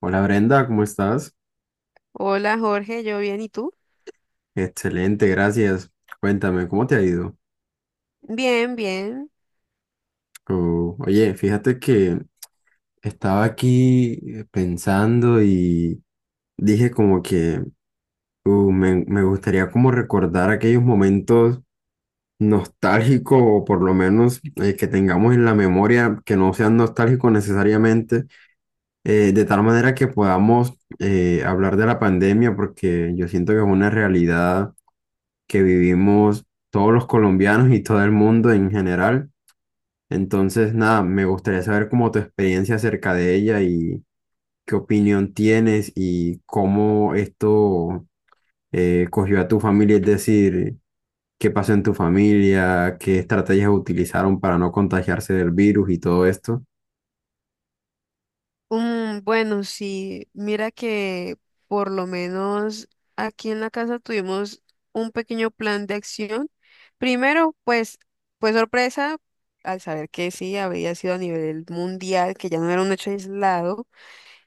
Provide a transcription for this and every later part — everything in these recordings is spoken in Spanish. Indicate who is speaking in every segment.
Speaker 1: Hola Brenda, ¿cómo estás?
Speaker 2: Hola Jorge, yo bien, ¿y tú?
Speaker 1: Excelente, gracias. Cuéntame, ¿cómo te ha ido?
Speaker 2: Bien, bien.
Speaker 1: Oh, oye, fíjate que estaba aquí pensando y dije como que me gustaría como recordar aquellos momentos nostálgicos o por lo menos que tengamos en la memoria que no sean nostálgicos necesariamente, de tal manera que podamos hablar de la pandemia porque yo siento que es una realidad que vivimos todos los colombianos y todo el mundo en general. Entonces, nada, me gustaría saber cómo tu experiencia acerca de ella y qué opinión tienes y cómo esto cogió a tu familia, es decir, qué pasó en tu familia, qué estrategias utilizaron para no contagiarse del virus y todo esto.
Speaker 2: Bueno, sí, mira que por lo menos aquí en la casa tuvimos un pequeño plan de acción. Primero, pues, fue sorpresa al saber que sí, había sido a nivel mundial, que ya no era un hecho aislado.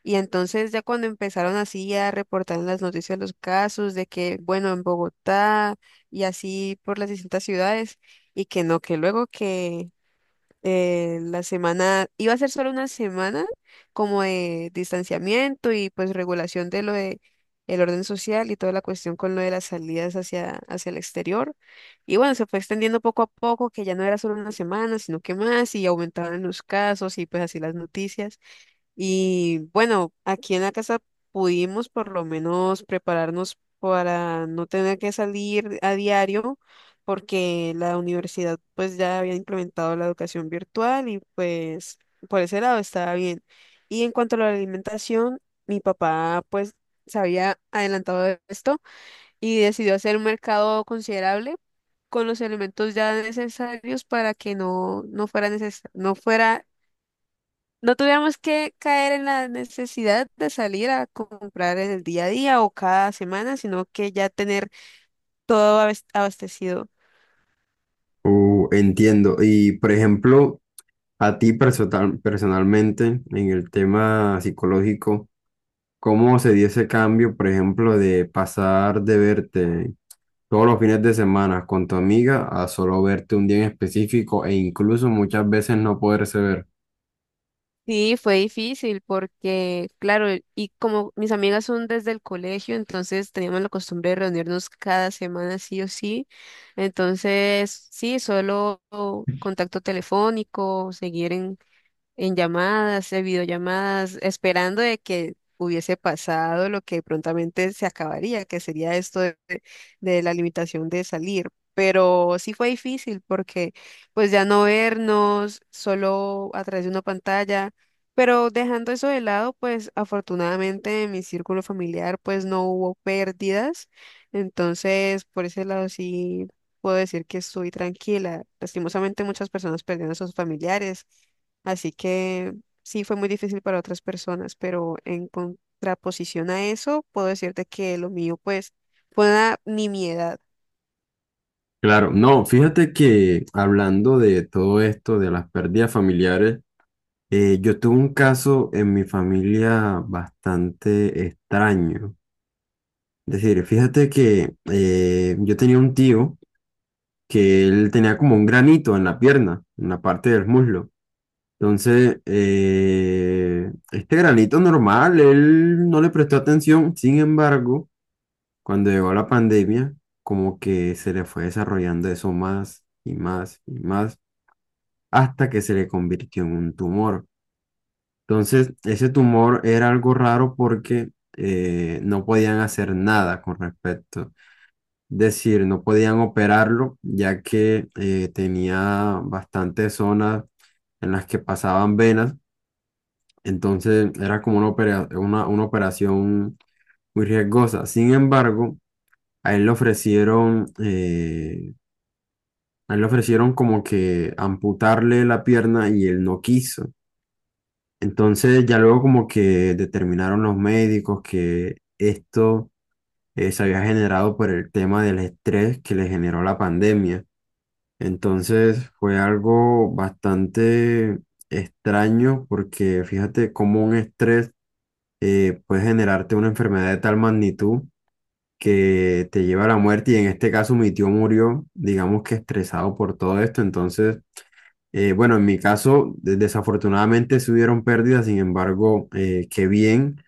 Speaker 2: Y entonces ya cuando empezaron así a reportar en las noticias los casos de que, bueno, en Bogotá y así por las distintas ciudades, y que no, que luego que la semana, iba a ser solo una semana como de distanciamiento y pues regulación de lo de el orden social y toda la cuestión con lo de las salidas hacia el exterior. Y bueno, se fue extendiendo poco a poco, que ya no era solo una semana, sino que más, y aumentaban los casos y pues así las noticias. Y bueno, aquí en la casa pudimos por lo menos prepararnos para no tener que salir a diario, porque la universidad pues ya había implementado la educación virtual y pues por ese lado estaba bien. Y en cuanto a la alimentación, mi papá pues se había adelantado de esto y decidió hacer un mercado considerable con los elementos ya necesarios para que no fuera no fuera no tuviéramos que caer en la necesidad de salir a comprar en el día a día o cada semana, sino que ya tener todo abastecido.
Speaker 1: Entiendo. Y, por ejemplo, a ti personalmente, en el tema psicológico, cómo se dio ese cambio, por ejemplo, de pasar de verte todos los fines de semana con tu amiga a solo verte un día en específico e incluso muchas veces no poderse ver.
Speaker 2: Sí, fue difícil porque, claro, y como mis amigas son desde el colegio, entonces teníamos la costumbre de reunirnos cada semana sí o sí. Entonces, sí, solo contacto telefónico, seguir en llamadas, en videollamadas, esperando de que hubiese pasado lo que prontamente se acabaría, que sería esto de la limitación de salir. Pero sí fue difícil porque pues ya no vernos solo a través de una pantalla, pero dejando eso de lado, pues afortunadamente en mi círculo familiar pues no hubo pérdidas, entonces por ese lado sí puedo decir que estoy tranquila. Lastimosamente muchas personas perdieron a sus familiares. Así que sí fue muy difícil para otras personas, pero en contraposición a eso, puedo decirte que lo mío, pues, fue una nimiedad.
Speaker 1: Claro, no, fíjate que hablando de todo esto, de las pérdidas familiares, yo tuve un caso en mi familia bastante extraño. Es decir, fíjate que yo tenía un tío que él tenía como un granito en la pierna, en la parte del muslo. Entonces, este granito normal, él no le prestó atención. Sin embargo, cuando llegó la pandemia, como que se le fue desarrollando eso más y más y más, hasta que se le convirtió en un tumor. Entonces, ese tumor era algo raro porque no podían hacer nada con respecto. Es decir, no podían operarlo, ya que tenía bastantes zonas en las que pasaban venas. Entonces era como una operación muy riesgosa. Sin embargo, a él le ofrecieron, eh, a él le ofrecieron como que amputarle la pierna y él no quiso. Entonces ya luego como que determinaron los médicos que esto se había generado por el tema del estrés que le generó la pandemia. Entonces fue algo bastante extraño porque fíjate cómo un estrés puede generarte una enfermedad de tal magnitud que te lleva a la muerte y en este caso mi tío murió, digamos que estresado por todo esto. Entonces, bueno, en mi caso desafortunadamente sí hubieron pérdidas. Sin embargo, qué bien,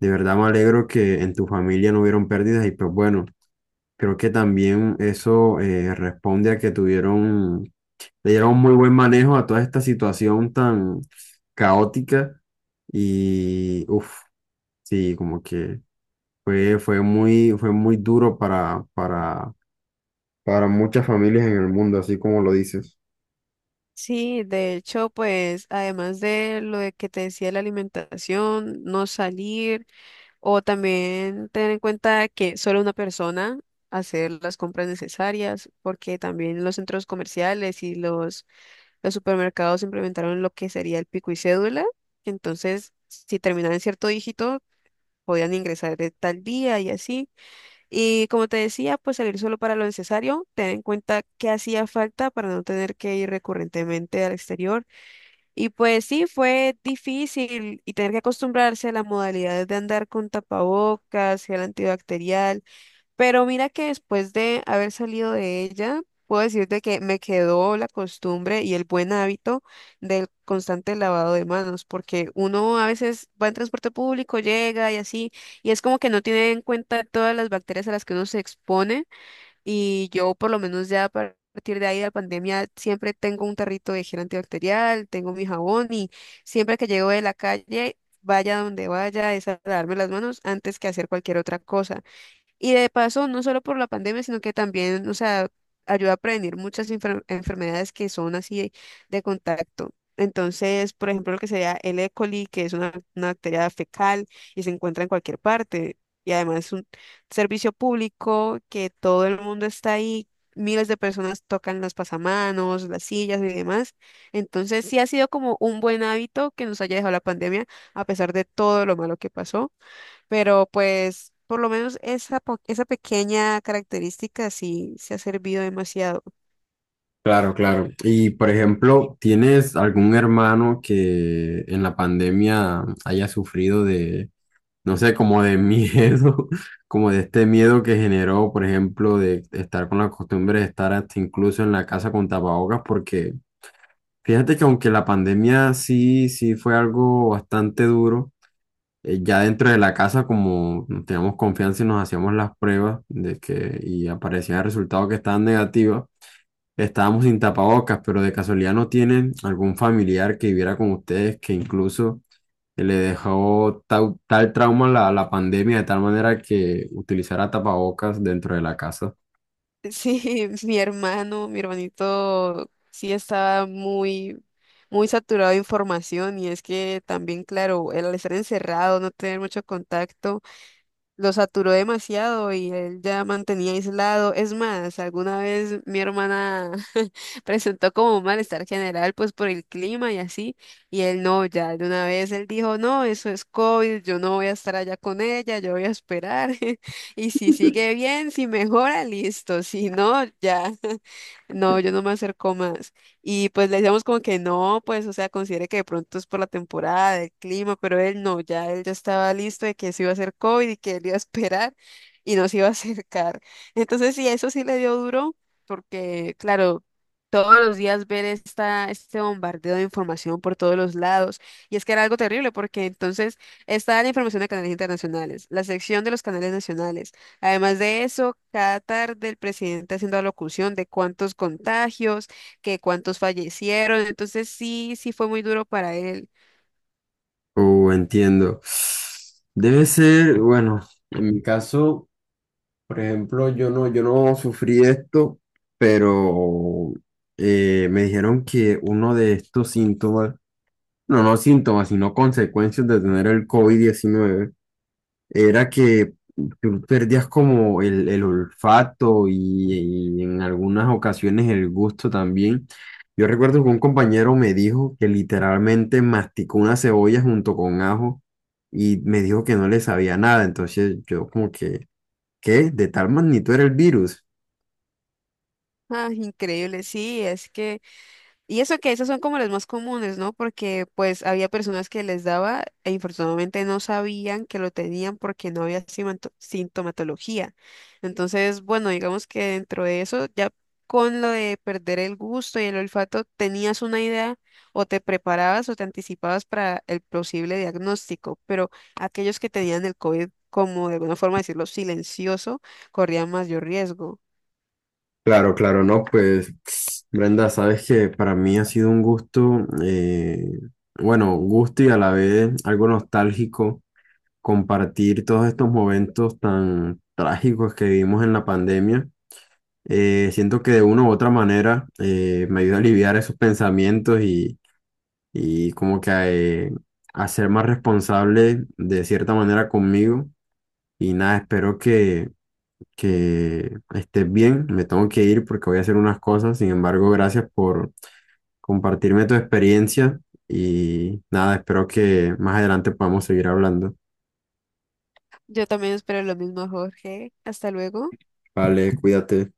Speaker 1: de verdad me alegro que en tu familia no hubieron pérdidas. Y pues bueno, creo que también eso responde a que tuvieron, le dieron muy buen manejo a toda esta situación tan caótica y, uff, sí, como que... fue muy duro para muchas familias en el mundo, así como lo dices.
Speaker 2: Sí, de hecho, pues, además de lo de que te decía de la alimentación, no salir, o también tener en cuenta que solo una persona hacer las compras necesarias, porque también los centros comerciales y los supermercados implementaron lo que sería el pico y cédula. Entonces, si terminaba en cierto dígito, podían ingresar de tal día y así. Y como te decía, pues salir solo para lo necesario, tener en cuenta qué hacía falta para no tener que ir recurrentemente al exterior. Y pues sí, fue difícil y tener que acostumbrarse a las modalidades de andar con tapabocas, gel antibacterial, pero mira que después de haber salido de ella, puedo decirte que me quedó la costumbre y el buen hábito del constante lavado de manos, porque uno a veces va en transporte público, llega y así, y es como que no tiene en cuenta todas las bacterias a las que uno se expone, y yo por lo menos ya a partir de ahí de la pandemia siempre tengo un tarrito de gel antibacterial, tengo mi jabón y siempre que llego de la calle, vaya donde vaya, es a lavarme las manos antes que hacer cualquier otra cosa. Y de paso, no solo por la pandemia, sino que también, o sea, ayuda a prevenir muchas enfermedades que son así de contacto. Entonces, por ejemplo, lo que sería el E. coli, que es una bacteria fecal y se encuentra en cualquier parte. Y además es un servicio público que todo el mundo está ahí, miles de personas tocan los pasamanos, las sillas y demás. Entonces, sí ha sido como un buen hábito que nos haya dejado la pandemia, a pesar de todo lo malo que pasó. Pero pues por lo menos esa, esa pequeña característica sí se ha servido demasiado.
Speaker 1: Claro, claro. Y por ejemplo, ¿tienes algún hermano que en la pandemia haya sufrido de, no sé, como de miedo, como de este miedo que generó, por ejemplo, de estar con la costumbre de estar hasta incluso en la casa con tapabocas? Porque fíjate que aunque la pandemia sí, sí fue algo bastante duro. Ya dentro de la casa, como nos teníamos confianza y nos hacíamos las pruebas de que y aparecían resultados que estaban negativos, estábamos sin tapabocas, pero de casualidad no tienen algún familiar que viviera con ustedes que incluso le dejó trauma la pandemia de tal manera que utilizara tapabocas dentro de la casa.
Speaker 2: Sí, mi hermano, mi hermanito sí estaba muy, muy saturado de información y es que también, claro, el estar encerrado, no tener mucho contacto. Lo saturó demasiado y él ya mantenía aislado. Es más, alguna vez mi hermana presentó como un malestar general, pues por el clima y así, y él no, ya de una vez él dijo, no, eso es COVID, yo no voy a estar allá con ella, yo voy a esperar. Y si sigue bien, si mejora, listo, si no, ya, no, yo no me acerco más. Y pues le decíamos como que no, pues, o sea, considere que de pronto es por la temporada, el clima, pero él no, ya él ya estaba listo de que se iba a hacer COVID y que él iba a esperar y no se iba a acercar. Entonces, sí, eso sí le dio duro, porque, claro, todos los días ver esta, este bombardeo de información por todos los lados. Y es que era algo terrible, porque entonces está la información de canales internacionales, la sección de los canales nacionales. Además de eso, cada tarde el presidente haciendo alocución de cuántos contagios, que cuántos fallecieron, entonces sí, sí fue muy duro para él.
Speaker 1: Entiendo. Debe ser, bueno, en mi caso. Por ejemplo, yo no sufrí esto, pero me dijeron que uno de estos síntomas, no síntomas, sino consecuencias de tener el COVID-19, era que tú perdías como el olfato y en algunas ocasiones el gusto también. Yo recuerdo que un compañero me dijo que literalmente masticó una cebolla junto con ajo y me dijo que no le sabía nada, entonces yo como que... ¿Qué? ¿De tal magnitud era el virus?
Speaker 2: Ah, increíble, sí, es que. Y eso que esas son como las más comunes, ¿no? Porque pues había personas que les daba e infortunadamente no sabían que lo tenían porque no había sintomatología. Entonces, bueno, digamos que dentro de eso, ya con lo de perder el gusto y el olfato, tenías una idea o te preparabas o te anticipabas para el posible diagnóstico, pero aquellos que tenían el COVID, como de alguna forma decirlo, silencioso, corrían mayor riesgo.
Speaker 1: Claro, claro, no, pues Brenda, sabes que para mí ha sido un gusto, bueno, gusto y a la vez algo nostálgico compartir todos estos momentos tan trágicos que vivimos en la pandemia. Siento que de una u otra manera me ayuda a aliviar esos pensamientos y como que eh, a ser más responsable de cierta manera conmigo. Y nada, espero que estés bien. Me tengo que ir porque voy a hacer unas cosas. Sin embargo, gracias por compartirme tu experiencia y nada, espero que más adelante podamos seguir hablando.
Speaker 2: Yo también espero lo mismo, Jorge. Hasta luego.
Speaker 1: Vale, cuídate.